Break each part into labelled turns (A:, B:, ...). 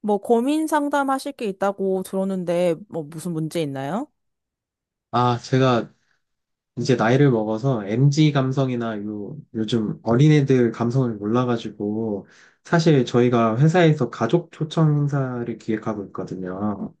A: 뭐 고민 상담하실 게 있다고 들었는데 뭐 무슨 문제 있나요?
B: 아, 제가 이제 나이를 먹어서 MG 감성이나 요즘 어린애들 감성을 몰라가지고, 사실 저희가 회사에서 가족 초청 행사를 기획하고 있거든요.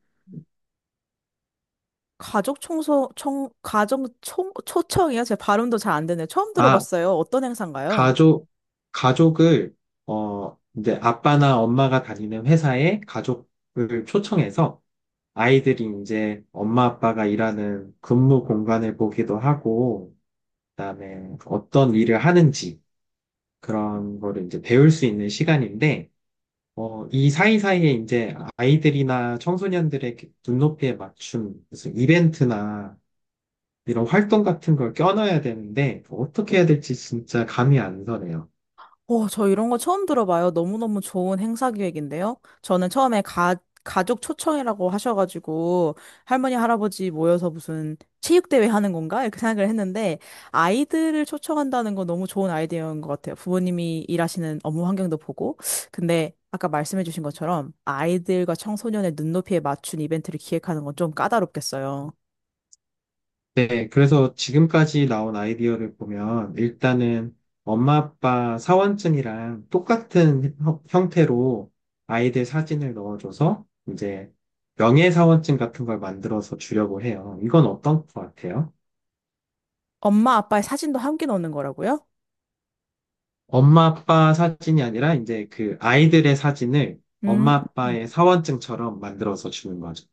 A: 가족 청소 청 가정 총 초청이요? 제 발음도 잘 안 되네. 처음
B: 아,
A: 들어봤어요. 어떤 행사인가요?
B: 가족, 가족을, 이제 아빠나 엄마가 다니는 회사에 가족을 초청해서 아이들이 이제 엄마 아빠가 일하는 근무 공간을 보기도 하고, 그다음에 어떤 일을 하는지 그런 거를 이제 배울 수 있는 시간인데, 이 사이사이에 이제 아이들이나 청소년들의 눈높이에 맞춘 무슨 이벤트나 이런 활동 같은 걸 껴넣어야 되는데 어떻게 해야 될지 진짜 감이 안 서네요.
A: 오, 저 이런 거 처음 들어봐요. 너무너무 좋은 행사 기획인데요. 저는 처음에 가족 초청이라고 하셔가지고 할머니, 할아버지 모여서 무슨 체육대회 하는 건가? 이렇게 생각을 했는데 아이들을 초청한다는 건 너무 좋은 아이디어인 것 같아요. 부모님이 일하시는 업무 환경도 보고. 근데 아까 말씀해주신 것처럼 아이들과 청소년의 눈높이에 맞춘 이벤트를 기획하는 건 좀 까다롭겠어요.
B: 네, 그래서 지금까지 나온 아이디어를 보면 일단은 엄마 아빠 사원증이랑 똑같은 형태로 아이들 사진을 넣어줘서 이제 명예사원증 같은 걸 만들어서 주려고 해요. 이건 어떤 것 같아요?
A: 엄마, 아빠의 사진도 함께 넣는 거라고요?
B: 엄마 아빠 사진이 아니라 이제 그 아이들의 사진을
A: 음.
B: 엄마 아빠의 사원증처럼 만들어서 주는 거죠.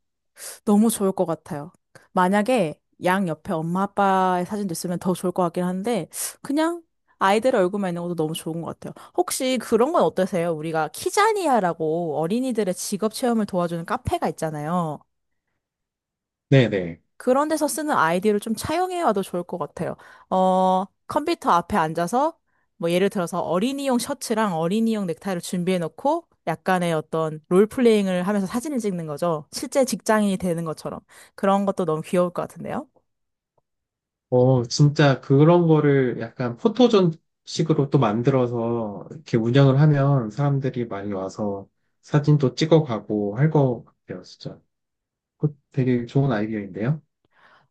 A: 너무 좋을 것 같아요. 만약에 양 옆에 엄마 아빠의 사진도 있으면 더 좋을 것 같긴 한데 그냥 아이들 얼굴만 있는 것도 너무 좋은 것 같아요. 혹시 그런 건 어떠세요? 우리가 키자니아라고 어린이들의 직업 체험을 도와주는 카페가 있잖아요.
B: 네네.
A: 그런 데서 쓰는 아이디어를 좀 차용해 와도 좋을 것 같아요. 컴퓨터 앞에 앉아서 뭐 예를 들어서 어린이용 셔츠랑 어린이용 넥타이를 준비해 놓고 약간의 어떤 롤플레잉을 하면서 사진을 찍는 거죠. 실제 직장인이 되는 것처럼. 그런 것도 너무 귀여울 것 같은데요.
B: 어, 진짜 그런 거를 약간 포토존 식으로 또 만들어서 이렇게 운영을 하면 사람들이 많이 와서 사진도 찍어가고 할 것 같아요, 진짜. 그거 되게 좋은 아이디어인데요.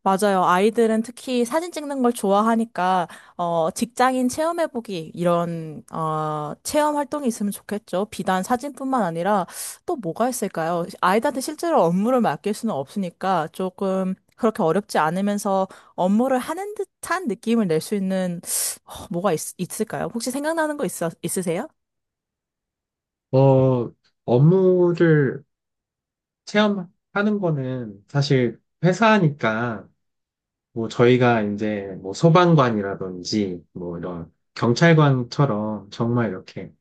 A: 맞아요. 아이들은 특히 사진 찍는 걸 좋아하니까, 직장인 체험해보기, 이런, 체험 활동이 있으면 좋겠죠. 비단 사진뿐만 아니라 또 뭐가 있을까요? 아이들한테 실제로 업무를 맡길 수는 없으니까 조금 그렇게 어렵지 않으면서 업무를 하는 듯한 느낌을 낼 수 있는, 어, 있을까요? 혹시 있으세요?
B: 어, 업무를 체험하는 거는 사실 회사니까 뭐 저희가 이제 뭐 소방관이라든지 뭐 이런 경찰관처럼 정말 이렇게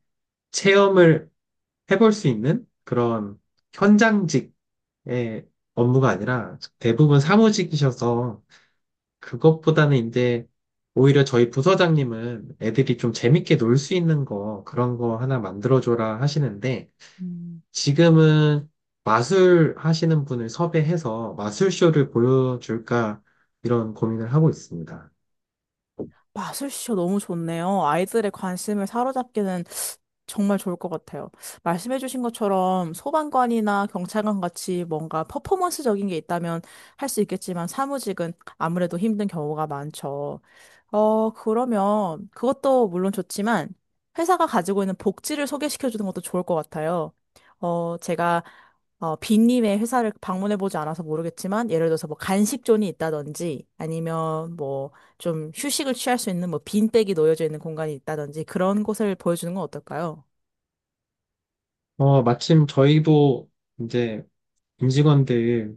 B: 체험을 해볼 수 있는 그런 현장직의 업무가 아니라 대부분 사무직이셔서 그것보다는 이제 오히려 저희 부서장님은 애들이 좀 재밌게 놀 수 있는 거 그런 거 하나 만들어줘라 하시는데
A: 음.
B: 지금은 마술 하시는 분을 섭외해서 마술쇼를 보여줄까 이런 고민을 하고 있습니다.
A: 마술쇼 너무 좋네요. 아이들의 관심을 사로잡기는 정말 좋을 것 같아요. 말씀해주신 것처럼 소방관이나 경찰관 같이 뭔가 퍼포먼스적인 게 있다면 할 수 있겠지만 사무직은 아무래도 힘든 경우가 많죠. 그러면 그것도 물론 좋지만 회사가 가지고 있는 복지를 소개시켜주는 것도 좋을 것 같아요. 어, 제가 빈님의 회사를 방문해보지 않아서 모르겠지만, 예를 들어서 뭐 간식존이 있다든지, 아니면 뭐 좀 휴식을 취할 수 있는 뭐 빈백이 놓여져 있는 공간이 있다든지 그런 곳을 보여주는 건 어떨까요?
B: 어, 마침 저희도 이제 임직원들이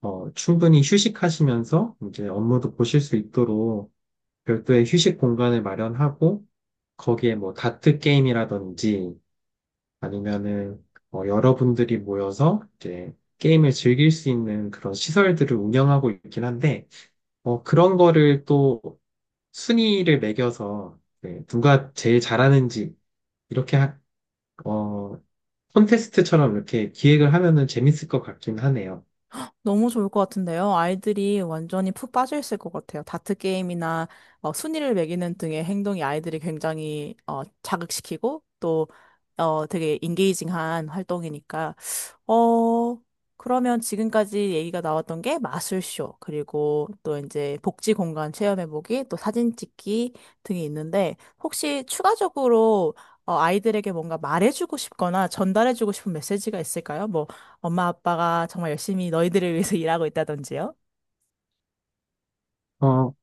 B: 충분히 휴식하시면서 이제 업무도 보실 수 있도록 별도의 휴식 공간을 마련하고 거기에 뭐 다트 게임이라든지 아니면은 여러분들이 모여서 이제 게임을 즐길 수 있는 그런 시설들을 운영하고 있긴 한데 그런 거를 또 순위를 매겨서 이제 누가 제일 잘하는지 이렇게 하- 어, 콘테스트처럼 이렇게 기획을 하면은 재밌을 것 같긴 하네요.
A: 너무 좋을 것 같은데요. 아이들이 완전히 푹 빠져 있을 것 같아요. 다트 게임이나 순위를 매기는 등의 행동이 아이들이 굉장히 자극시키고 또 되게 인게이징한 활동이니까. 어, 그러면 지금까지 얘기가 나왔던 게 마술쇼, 그리고 또 이제 복지 공간 체험해보기, 또 사진 찍기 등이 있는데 혹시 추가적으로 아이들에게 뭔가 말해주고 싶거나 전달해주고 싶은 메시지가 있을까요? 뭐 엄마 아빠가 정말 열심히 너희들을 위해서 일하고 있다든지요.
B: 어,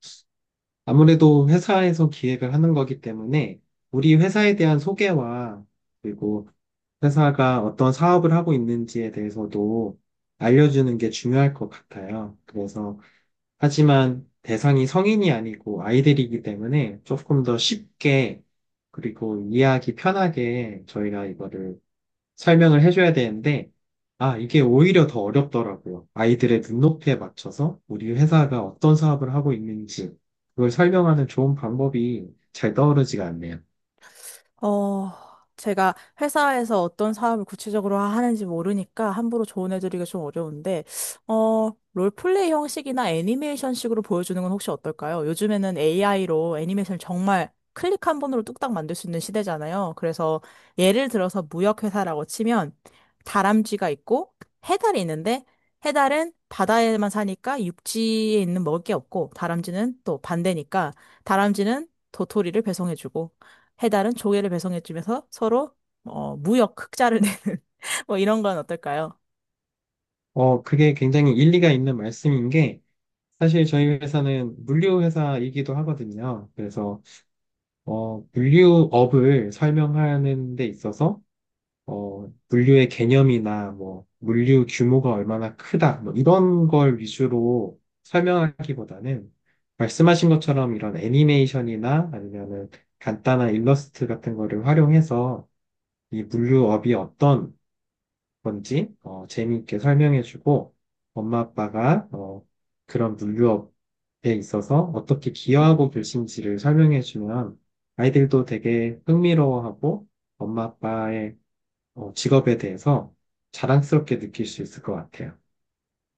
B: 아무래도 회사에서 기획을 하는 거기 때문에 우리 회사에 대한 소개와 그리고 회사가 어떤 사업을 하고 있는지에 대해서도 알려주는 게 중요할 것 같아요. 그래서, 하지만 대상이 성인이 아니고 아이들이기 때문에 조금 더 쉽게 그리고 이해하기 편하게 저희가 이거를 설명을 해줘야 되는데, 아, 이게 오히려 더 어렵더라고요. 아이들의 눈높이에 맞춰서 우리 회사가 어떤 사업을 하고 있는지, 그걸 설명하는 좋은 방법이 잘 떠오르지가 않네요.
A: 어, 제가 회사에서 어떤 사업을 구체적으로 하는지 모르니까 함부로 조언해드리기가 좀 어려운데, 롤플레이 형식이나 애니메이션식으로 보여주는 건 혹시 어떨까요? 요즘에는 AI로 애니메이션을 정말 클릭 한 번으로 뚝딱 만들 수 있는 시대잖아요. 그래서 예를 들어서 무역회사라고 치면 다람쥐가 있고 해달이 있는데 해달은 바다에만 사니까 육지에 있는 먹을 게 없고 다람쥐는 또 반대니까 다람쥐는 도토리를 배송해주고 해달은 조개를 배송해주면서 서로 무역 흑자를 내는 뭐 이런 건 어떨까요?
B: 그게 굉장히 일리가 있는 말씀인 게, 사실 저희 회사는 물류 회사이기도 하거든요. 그래서, 물류업을 설명하는 데 있어서 물류의 개념이나 뭐 물류 규모가 얼마나 크다 뭐 이런 걸 위주로 설명하기보다는 말씀하신 것처럼 이런 애니메이션이나 아니면은 간단한 일러스트 같은 거를 활용해서 이 물류업이 어떤 건지 재미있게 설명해주고 엄마 아빠가 그런 물류업에 있어서 어떻게 기여하고 계신지를 설명해주면 아이들도 되게 흥미로워하고 엄마 아빠의 직업에 대해서 자랑스럽게 느낄 수 있을 것 같아요.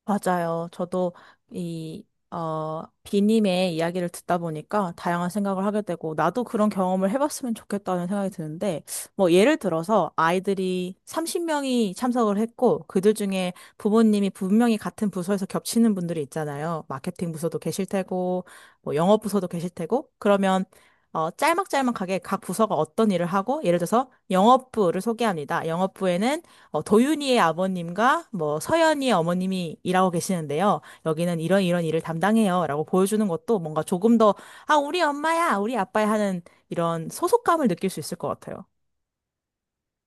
A: 맞아요. 저도 이, 비님의 이야기를 듣다 보니까 다양한 생각을 하게 되고, 나도 그런 경험을 해봤으면 좋겠다는 생각이 드는데, 뭐, 예를 들어서 아이들이 30명이 참석을 했고, 그들 중에 부모님이 분명히 같은 부서에서 겹치는 분들이 있잖아요. 마케팅 부서도 계실 테고, 뭐, 영업 부서도 계실 테고, 그러면 짤막짤막하게 각 부서가 어떤 일을 하고, 예를 들어서 영업부를 소개합니다. 영업부에는 도윤이의 아버님과 뭐 서연이의 어머님이 일하고 계시는데요. 여기는 이런 이런 일을 담당해요. 라고 보여주는 것도 뭔가 조금 더, 아, 우리 엄마야, 우리 아빠야 하는 이런 소속감을 느낄 수 있을 것 같아요.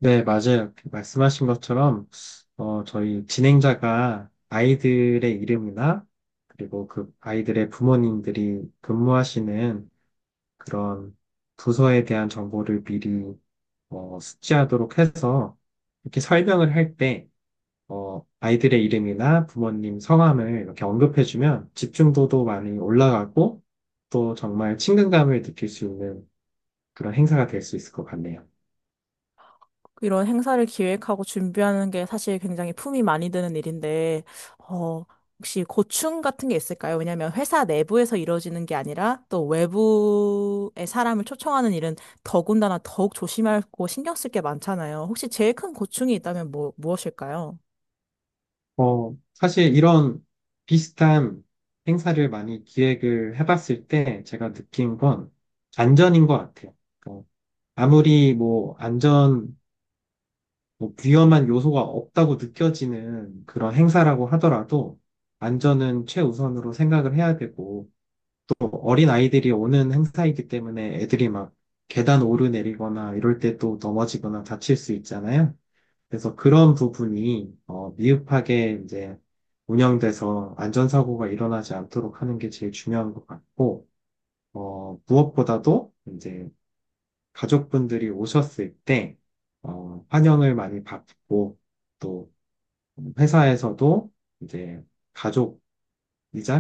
B: 네, 맞아요. 그 말씀하신 것처럼, 저희 진행자가 아이들의 이름이나, 그리고 그 아이들의 부모님들이 근무하시는 그런 부서에 대한 정보를 미리, 숙지하도록 해서, 이렇게 설명을 할 때, 아이들의 이름이나 부모님 성함을 이렇게 언급해주면 집중도도 많이 올라가고, 또 정말 친근감을 느낄 수 있는 그런 행사가 될 수 있을 것 같네요.
A: 이런 행사를 기획하고 준비하는 게 사실 굉장히 품이 많이 드는 일인데, 어, 혹시 고충 같은 게 있을까요? 왜냐하면 회사 내부에서 이루어지는 게 아니라 또 외부의 사람을 초청하는 일은 더군다나 더욱 조심하고 신경 쓸 게 많잖아요. 혹시 제일 큰 고충이 있다면 뭐, 무엇일까요?
B: 사실 이런 비슷한 행사를 많이 기획을 해봤을 때 제가 느낀 건 안전인 것 같아요. 어, 아무리 뭐 위험한 요소가 없다고 느껴지는 그런 행사라고 하더라도 안전은 최우선으로 생각을 해야 되고 또 어린 아이들이 오는 행사이기 때문에 애들이 막 계단 오르내리거나 이럴 때 또 넘어지거나 다칠 수 있잖아요. 그래서 그런 부분이 미흡하게 이제 운영돼서 안전사고가 일어나지 않도록 하는 게 제일 중요한 것 같고, 무엇보다도 이제 가족분들이 오셨을 때, 환영을 많이 받고, 또 회사에서도 이제 가족이자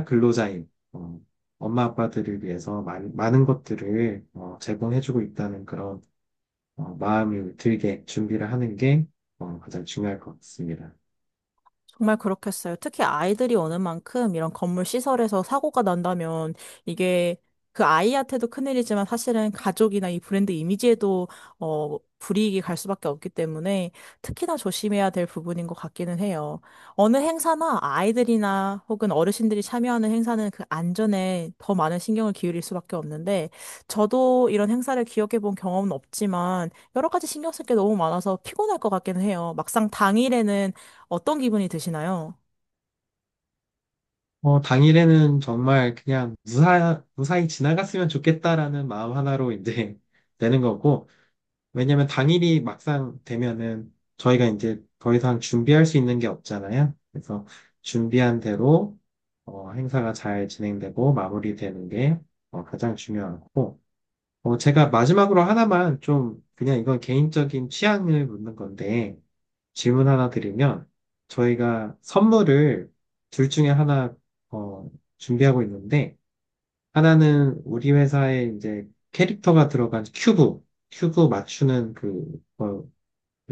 B: 근로자인, 엄마 아빠들을 위해서 많은 것들을 제공해주고 있다는 그런 마음이 들게 준비를 하는 게 가장 중요할 것 같습니다.
A: 정말 그렇겠어요. 특히 아이들이 오는 만큼 이런 건물 시설에서 사고가 난다면 이게 그 아이한테도 큰일이지만 사실은 가족이나 이 브랜드 이미지에도 불이익이 갈 수밖에 없기 때문에 특히나 조심해야 될 부분인 것 같기는 해요. 어느 행사나 아이들이나 혹은 어르신들이 참여하는 행사는 그 안전에 더 많은 신경을 기울일 수밖에 없는데 저도 이런 행사를 기억해 본 경험은 없지만 여러 가지 신경 쓸 게 너무 많아서 피곤할 것 같기는 해요. 막상 당일에는 어떤 기분이 드시나요?
B: 당일에는 정말 그냥 무사히 지나갔으면 좋겠다라는 마음 하나로 이제 되는 거고, 왜냐면 당일이 막상 되면은 저희가 이제 더 이상 준비할 수 있는 게 없잖아요. 그래서 준비한 대로 행사가 잘 진행되고 마무리되는 게 가장 중요하고, 제가 마지막으로 하나만 좀, 그냥 이건 개인적인 취향을 묻는 건데, 질문 하나 드리면, 저희가 선물을 둘 중에 하나, 어, 준비하고 있는데, 하나는 우리 회사에 이제 캐릭터가 들어간 큐브, 큐브 맞추는 그, 걸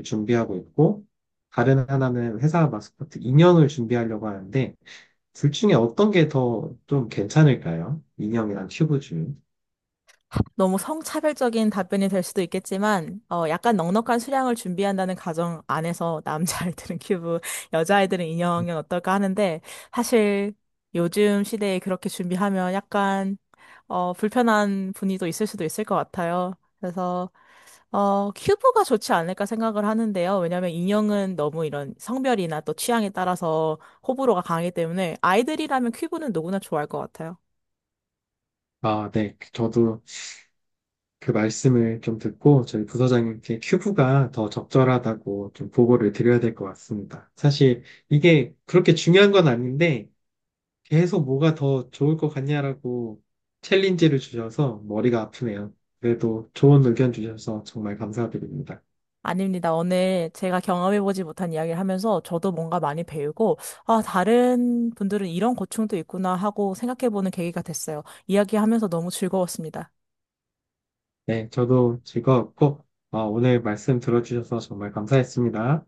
B: 준비하고 있고, 다른 하나는 회사 마스코트 인형을 준비하려고 하는데, 둘 중에 어떤 게 더 좀 괜찮을까요? 인형이랑 큐브 중.
A: 너무 성차별적인 답변이 될 수도 있겠지만, 약간 넉넉한 수량을 준비한다는 가정 안에서 남자아이들은 큐브, 여자아이들은 인형은 어떨까 하는데, 사실 요즘 시대에 그렇게 준비하면 약간, 불편한 분위기도 있을 수도 있을 것 같아요. 그래서, 큐브가 좋지 않을까 생각을 하는데요. 왜냐면 인형은 너무 이런 성별이나 또 취향에 따라서 호불호가 강하기 때문에 아이들이라면 큐브는 누구나 좋아할 것 같아요.
B: 아, 네. 저도 그 말씀을 좀 듣고 저희 부서장님께 큐브가 더 적절하다고 좀 보고를 드려야 될 것 같습니다. 사실 이게 그렇게 중요한 건 아닌데 계속 뭐가 더 좋을 것 같냐라고 챌린지를 주셔서 머리가 아프네요. 그래도 좋은 의견 주셔서 정말 감사드립니다.
A: 아닙니다. 오늘 제가 경험해보지 못한 이야기를 하면서 저도 뭔가 많이 배우고, 아, 다른 분들은 이런 고충도 있구나 하고 생각해보는 계기가 됐어요. 이야기하면서 너무 즐거웠습니다.
B: 네, 저도 즐거웠고 오늘 말씀 들어주셔서 정말 감사했습니다.